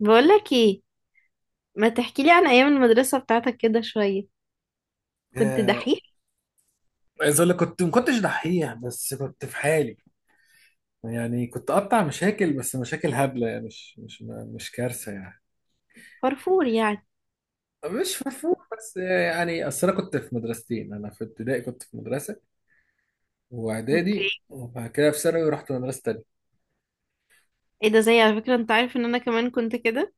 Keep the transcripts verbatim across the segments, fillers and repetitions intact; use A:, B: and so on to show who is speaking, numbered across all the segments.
A: بقولك ايه، ما تحكيلي عن ايام المدرسة بتاعتك كده شوية. كنت
B: آه،
A: دحيح؟
B: عايز اقول لك كنت ما كنتش دحيح، بس كنت في حالي. يعني كنت اقطع مشاكل، بس مشاكل هبله، يعني مش مش مش كارثه يعني.
A: فرفور يعني.
B: مش مرفوع، بس يعني اصل انا كنت في مدرستين. انا في ابتدائي كنت في مدرسه
A: اوكي.
B: واعدادي، وبعد كده في ثانوي رحت مدرسه تانيه.
A: ايه ده، زي على فكرة، انت عارف ان انا كمان كنت كده.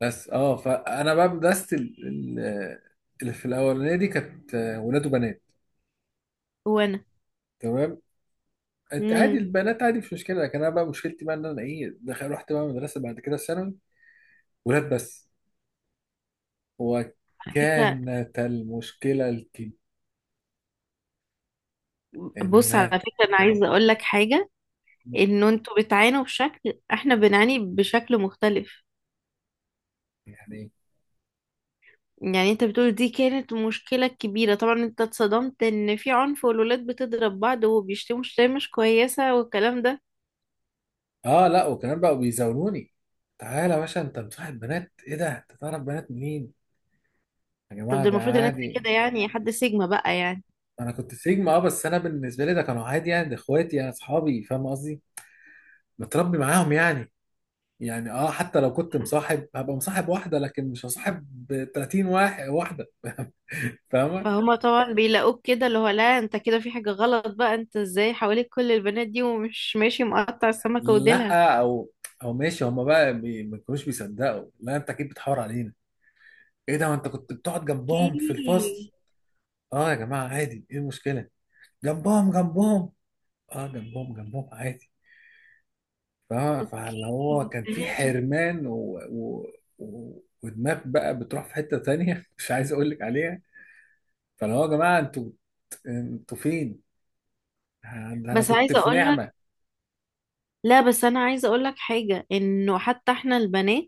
B: بس اه فانا بقى مدرستي ال- ال- اللي في الاولانيه دي كانت آه، ولاد وبنات.
A: وانا.
B: تمام. انت عادي،
A: امم
B: البنات عادي، مش مشكله. لكن انا بقى مشكلتي بقى ان انا ايه دخل؟ رحت بقى مدرسه بعد كده في ثانوي ولاد بس.
A: على فكرة،
B: وكانت المشكلة الكبيرة
A: بص،
B: إن
A: على فكرة انا عايزة اقولك حاجة، ان انتوا بتعانوا بشكل، احنا بنعاني بشكل مختلف.
B: يعني،
A: يعني انت بتقول دي كانت مشكلة كبيرة، طبعا انت اتصدمت ان في عنف والولاد بتضرب بعض وبيشتموا شتايم مش كويسة والكلام ده.
B: آه لا، وكمان بقوا بيزاولوني. تعالى يا باشا، أنت مصاحب بنات؟ إيه ده؟ أنت تعرف بنات منين؟ يا
A: طب
B: جماعة
A: ده
B: ده
A: المفروض ان انت
B: عادي.
A: كده يعني حد سيجما بقى يعني.
B: أنا كنت سيجما، أه بس أنا بالنسبة لي ده كانوا عادي، يعني ده إخواتي، أنا أصحابي، فاهم قصدي؟ متربي معاهم يعني. يعني أه حتى لو كنت مصاحب هبقى مصاحب واحدة، لكن مش هصاحب تلاتين واحد واحدة. فاهمة؟
A: فهما طبعا، بيلاقوك كده اللي هو لا انت كده في حاجة غلط بقى، انت ازاي حواليك كل البنات دي ومش ماشي مقطع السمكة وديلها.
B: لا، أو أو ماشي. هما بقى بي- ما كانوش بيصدقوا. لا، أنت أكيد بتحور علينا. ايه ده، ما انت كنت بتقعد
A: اوكي.
B: جنبهم في الفصل. اه يا جماعه عادي، ايه المشكله؟ جنبهم جنبهم، اه جنبهم جنبهم عادي. ف-
A: اوكي.
B: فاللي هو كان في حرمان و... و... و... ودماغ بقى بتروح في حته تانية. مش عايز اقول لك عليها. فاللي هو يا جماعه، انتوا انتوا فين؟ ده انا
A: بس
B: كنت
A: عايزة
B: في
A: اقولك،
B: نعمه.
A: لا بس انا عايزة اقولك حاجة، انه حتى احنا البنات،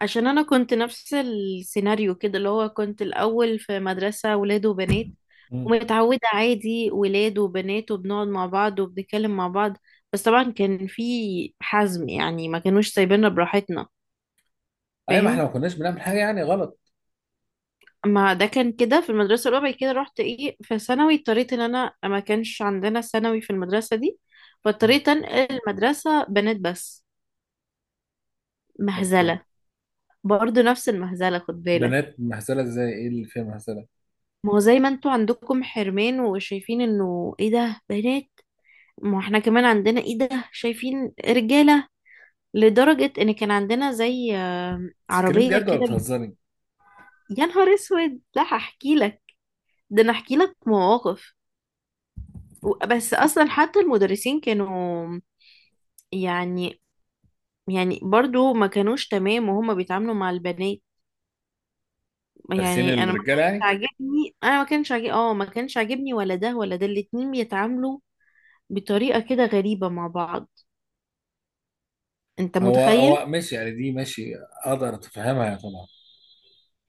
A: عشان انا كنت نفس السيناريو كده اللي هو، كنت الاول في مدرسة ولاد وبنات،
B: مم.
A: ومتعودة عادي ولاد وبنات وبنقعد مع بعض وبنتكلم مع بعض. بس طبعا كان في حزم يعني، ما كانوش سايبيننا براحتنا.
B: ايوه، ما احنا ما
A: فاهم؟
B: كناش بنعمل حاجه يعني غلط.
A: ما ده كان كده في المدرسة الأولى، بعد كده رحت إيه، في ثانوي اضطريت، إن أنا ما كانش عندنا ثانوي في المدرسة دي،
B: مم.
A: فاضطريت أنقل المدرسة، بنات بس.
B: اوكي.
A: مهزلة. برضه نفس المهزلة، خد بالك.
B: بنات مهزله ازاي؟ ايه اللي فيها مهزله؟
A: ما هو زي ما انتوا عندكم حرمان وشايفين إنه إيه ده بنات، ما احنا كمان عندنا إيه ده، شايفين رجالة. لدرجة إن كان عندنا زي آه،
B: بتتكلمي
A: عربية
B: بجد ولا
A: كده.
B: بتهزري؟
A: يا نهار أسود، لا هحكي لك، ده أنا هحكي لك مواقف. و- بس أصلا حتى المدرسين كانوا، يعني يعني برضو ما كانوش تمام وهما بيتعاملوا مع البنات.
B: دارسين
A: يعني انا ما
B: الرجاله
A: كانش
B: يعني؟
A: عاجبني، انا ما كانش عاجبني اه ما كانش عاجبني ولا ده ولا ده، الاتنين بيتعاملوا بطريقة كده غريبة مع بعض. انت
B: هو
A: متخيل؟
B: هو ماشي يعني، دي ماشي، اقدر اتفهمها يعني طبعا.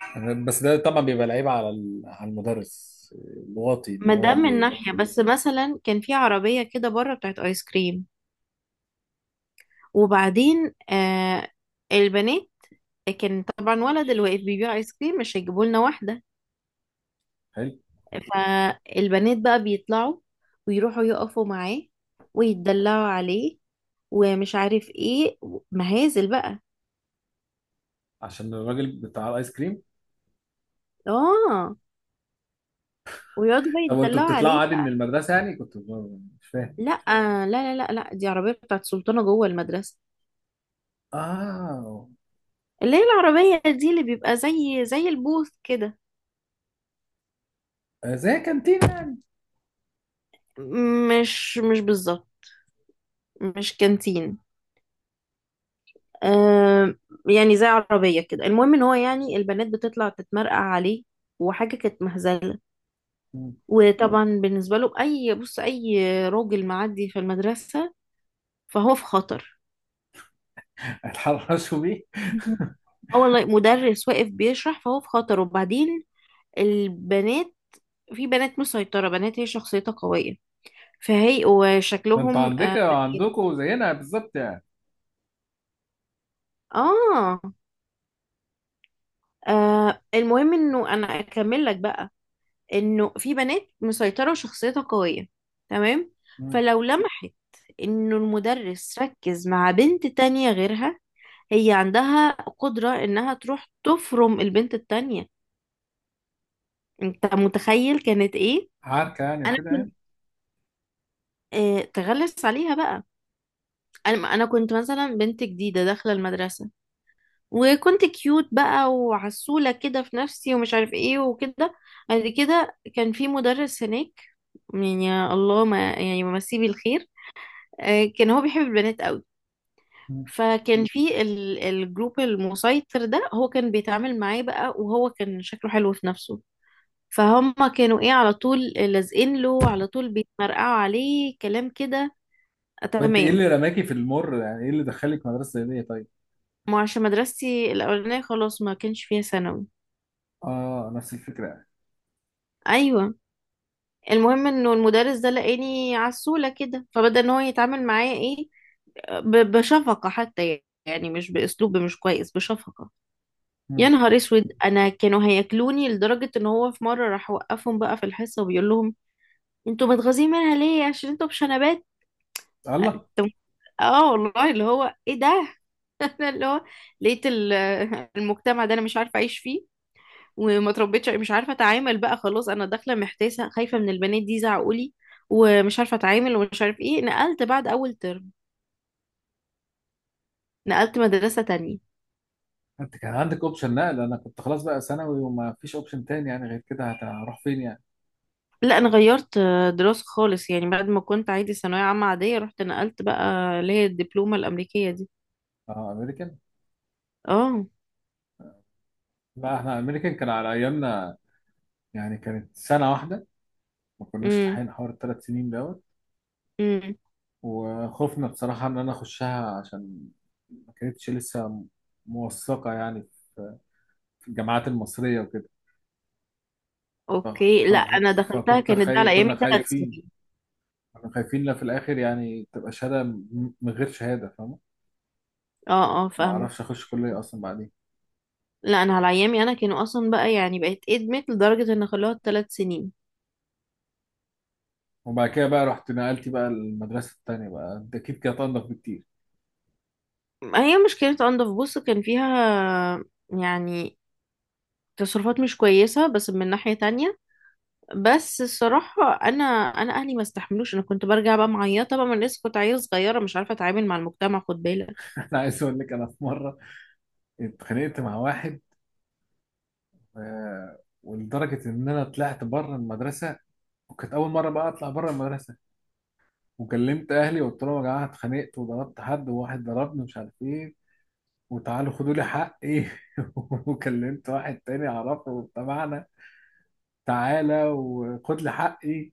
B: أنا- بس ده طبعا بيبقى لعيب على ال- على المدرس الواطي، ان
A: ما
B: هو
A: ده من
B: بي.
A: ناحية. بس مثلا كان في عربية كده بره، بتاعت ايس كريم، وبعدين آه البنات، كان طبعا ولد اللي واقف بيبيع ايس كريم، مش هيجيبوا لنا واحدة.
B: حلو.
A: فالبنات بقى بيطلعوا ويروحوا يقفوا معاه ويتدلعوا عليه ومش عارف ايه، مهازل بقى.
B: عشان الراجل بتاع الايس كريم.
A: اه، ويقعدوا بقى
B: طب وانتوا
A: يتدلعوا
B: بتطلعوا
A: عليه
B: عادي من
A: بقى.
B: المدرسه يعني؟ كنت ب- مش فاهم.
A: لا لا لا لا لا، دي عربية بتاعت سلطانة جوه المدرسة،
B: اه،
A: اللي هي العربية دي اللي بيبقى زي زي البوث كده.
B: زي كانتينا يعني.
A: مش مش بالظبط، مش كانتين. آه، يعني زي عربية كده. المهم ان هو يعني البنات بتطلع تتمرقع عليه، وحاجة كانت مهزلة.
B: مم.
A: وطبعا بالنسبة له أي، بص، أي راجل معدي في المدرسة فهو في خطر.
B: اتحرشوا بيه.
A: اه والله، مدرس واقف بيشرح فهو في خطر. وبعدين البنات، في بنات مسيطرة، بنات هي شخصيتها قوية، فهي
B: ما انتوا
A: وشكلهم آه,
B: عندك عندكم زينا بالظبط يعني.
A: اه. آه، المهم انه انا اكمل لك بقى، انه في بنات مسيطرة وشخصيتها قوية، تمام؟
B: مم.
A: فلو لمحت انه المدرس ركز مع بنت تانية غيرها، هي عندها قدرة انها تروح تفرم البنت التانية. انت متخيل كانت ايه؟
B: عركه يعني
A: انا
B: وكده يعني.
A: كنت، آه، تغلس عليها بقى. انا انا كنت مثلا بنت جديده داخله المدرسه، وكنت كيوت بقى وعسوله كده في نفسي ومش عارف ايه وكده. بعد كده كان في مدرس هناك، يعني يا الله ما يعني مسيه بالخير، آه، كان هو بيحب البنات قوي.
B: مم.
A: فكان في ال- الجروب المسيطر ده هو كان بيتعامل معاه بقى، وهو كان شكله حلو في نفسه، فهم كانوا ايه، على طول لازقين له، على طول بيتمرقعوا عليه كلام كده. آه،
B: وانت ايه
A: تمام.
B: اللي رماكي في المر؟ يعني ايه اللي دخلك مدرسه زي دي طيب؟
A: ما عشان مدرستي الأولانية خلاص ما كانش فيها ثانوي.
B: اه نفس الفكره يعني.
A: ايوه. المهم انه المدرس ده لقاني عسولة كده، فبدأ ان هو يتعامل معايا ايه، ب- بشفقة. حتى يعني مش باسلوب مش كويس، بشفقة. يا
B: مم.
A: نهار اسود، انا كانوا هياكلوني، لدرجة ان هو في مرة راح وقفهم بقى في الحصة وبيقول لهم: انتوا متغاظين منها ليه؟ عشان انتوا بشنبات.
B: الله.
A: اه والله، اللي هو ايه ده. انا اللي هو لقيت ال- المجتمع ده انا مش عارفة اعيش فيه، وما تربيتش، مش عارفه اتعامل بقى. خلاص انا داخله محتاسه، خايفه من البنات دي، زعقولي ومش عارفه اتعامل ومش عارف ايه. نقلت بعد اول ترم، نقلت مدرسه تانية.
B: انت كان عندك اوبشن نقل؟ انا كنت خلاص بقى ثانوي وما فيش اوبشن تاني، يعني غير كده هت- هروح فين يعني؟
A: لا انا غيرت آه، دراسه خالص يعني. بعد ما كنت عادي ثانويه عامه عاديه، رحت نقلت بقى اللي هي الدبلومه الامريكيه دي.
B: اه، امريكان.
A: اه.
B: لا احنا امريكان كان على ايامنا، يعني كانت سنه واحده. ما كناش
A: امم
B: لاحقين حوار الثلاث سنين دوت.
A: امم
B: وخوفنا بصراحه ان انا اخشها، عشان ما كانتش لسه موثقه يعني في في الجامعات المصريه وكده. فخ-
A: اوكي. لا انا
B: خ-
A: دخلتها
B: فكنت
A: كانت ده
B: خاي
A: على
B: كنا
A: ايامي ثلاث
B: خايفين.
A: سنين
B: كنا خايفين لا في الاخر يعني تبقى شهاده م- من غير شهاده، فاهم؟
A: اه اه
B: ما
A: فاهمه.
B: اعرفش اخش كليه اصلا بعدين.
A: لا انا على ايامي انا كانوا اصلا بقى يعني بقت ادمت لدرجه ان خلوها ثلاث سنين.
B: وبعد كده بقى رحت نقلتي بقى المدرسة التانية بقى، انت اكيد كانت انضف بكتير.
A: ما هي مش كانت انضف، بص، كان فيها يعني تصرفات مش كويسة، بس من ناحية تانية. بس الصراحة أنا، أنا أهلي ما استحملوش، أنا كنت برجع بقى معيطة بقى، من لسه كنت عيلة صغيرة مش عارفة أتعامل مع المجتمع، خد بالك.
B: انا عايز اقول لك، انا في مرة اتخانقت مع واحد آه، ولدرجة ان انا طلعت بره المدرسة. وكانت اول مرة بقى اطلع بره المدرسة. وكلمت اهلي وقلت لهم يا جماعة اتخانقت وضربت حد وواحد ضربني، مش عارف ايه، وتعالوا خدوا لي حقي. وكلمت واحد تاني اعرفه تبعنا، تعالى وخد لي حقي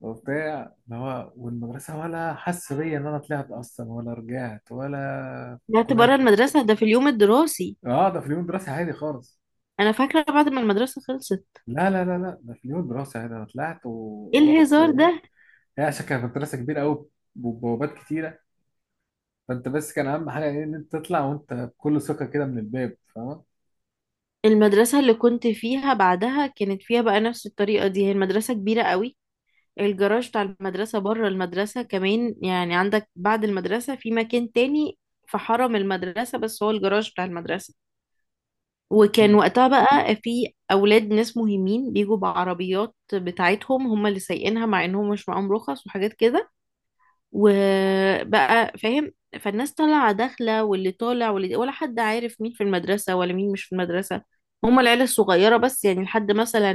B: وبتاع. اللي هو والمدرسة ولا حس بيا إن أنا طلعت أصلا، ولا رجعت ولا. في
A: طلعت بره
B: الكنافة.
A: المدرسة ده في اليوم الدراسي؟
B: أه، ده في اليوم الدراسي عادي خالص.
A: أنا فاكرة بعد ما المدرسة خلصت.
B: لا لا لا لا، ده في اليوم الدراسي عادي، أنا طلعت و-
A: إيه
B: ورحت
A: الهزار
B: ورجعت.
A: ده؟
B: هي عشان كانت مدرسة كبيرة أوي وبوابات كتيرة. فأنت بس كان أهم حاجة إيه؟ إن أنت تطلع وأنت بكل ثقة كده من الباب، فاهم؟
A: المدرسة اللي كنت فيها بعدها كانت فيها بقى نفس الطريقة دي، هي المدرسة كبيرة قوي، الجراج بتاع المدرسة بره المدرسة كمان، يعني عندك بعد المدرسة في مكان تاني في حرم المدرسة بس هو الجراج بتاع المدرسة. وكان
B: مم.
A: وقتها بقى في أولاد ناس مهمين بيجوا بعربيات بتاعتهم هم اللي سايقينها، مع إنهم مش معاهم رخص وحاجات كده. وبقى فاهم. فالناس طالعة داخلة، واللي طالع واللي، ولا حد عارف مين في المدرسة ولا مين مش في المدرسة. هما العيلة الصغيرة بس يعني، لحد مثلا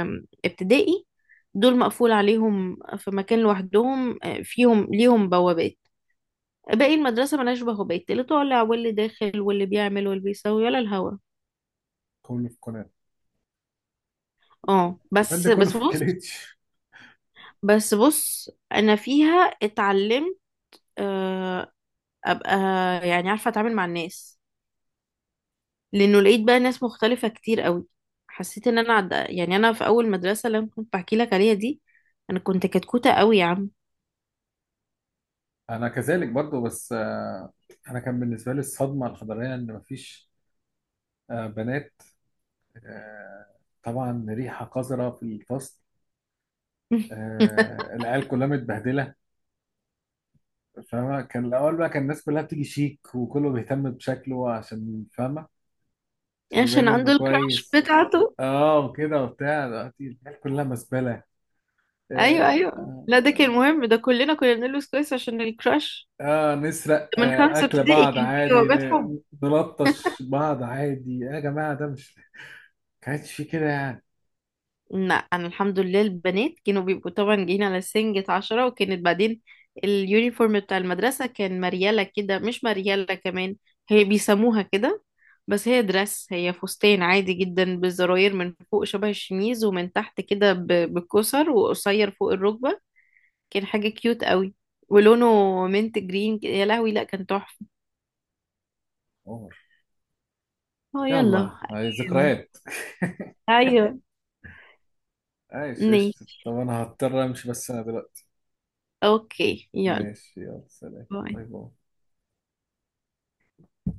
A: آم، ابتدائي، دول مقفول عليهم في مكان لوحدهم، آه، فيهم ليهم بوابات. باقي المدرسة ملهاش بوابات، اللي طالع واللي داخل واللي بيعمل واللي بيسوي ولا الهوا.
B: كله في الكنافة.
A: اه،
B: كان
A: بس
B: ده كله
A: بس
B: في
A: بص.
B: الكليتش.
A: بس بص أنا فيها اتعلمت، آه، أبقى يعني عارفة أتعامل مع الناس، لانه لقيت بقى ناس مختلفة كتير قوي. حسيت ان انا عد... يعني انا في اول مدرسة اللي انا كنت بحكي لك عليها دي، انا كنت كتكوتة قوي يا عم.
B: أنا كذلك برضه، بس آه، أنا كان بالنسبة لي الصدمة الحضارية إن مفيش آه، بنات. آه، طبعا ريحة قذرة في الفصل. آه، العيال كلها متبهدلة. فاهمة، كان الأول بقى كان الناس كلها بتيجي شيك وكله بيهتم بشكله، عشان فاهمة، عشان يبان
A: عشان
B: إنه
A: عنده الكراش
B: كويس.
A: بتاعته.
B: اه وكده وبتاع، دلوقتي العيال كلها مزبلة.
A: ايوه ايوه،
B: آه,
A: لا ده كان مهم، ده كلنا كنا بنلبس كويس عشان الكراش.
B: آه نسرق،
A: من
B: آه
A: خمسة
B: أكل
A: ابتدائي
B: بعض
A: كان في
B: عادي،
A: جوابات حب.
B: ن- نلطش بعض عادي يا جماعة، ده مش كانش في كده يعني.
A: لا انا الحمد لله البنات كانوا بيبقوا طبعا جايين على سنجة عشرة. وكانت بعدين اليونيفورم بتاع المدرسة كان مريالة كده، مش مريالة كمان هي بيسموها كده، بس هي درس هي فستان عادي جدا، بالزراير من فوق شبه الشميز، ومن تحت كده ب- بالكسر، وقصير فوق الركبة، كان حاجة كيوت قوي. ولونه منت جرين كده، يا لهوي لا كان تحفة.
B: عمر،
A: اه يلا.
B: يلا هاي
A: أيام.
B: ذكريات.
A: ايوه.
B: عايش قشطة. طب
A: ماشي.
B: انا هضطر امشي بس، انا دلوقتي
A: اوكي يلا.
B: ماشي، يلا سلام،
A: باي.
B: باي باي.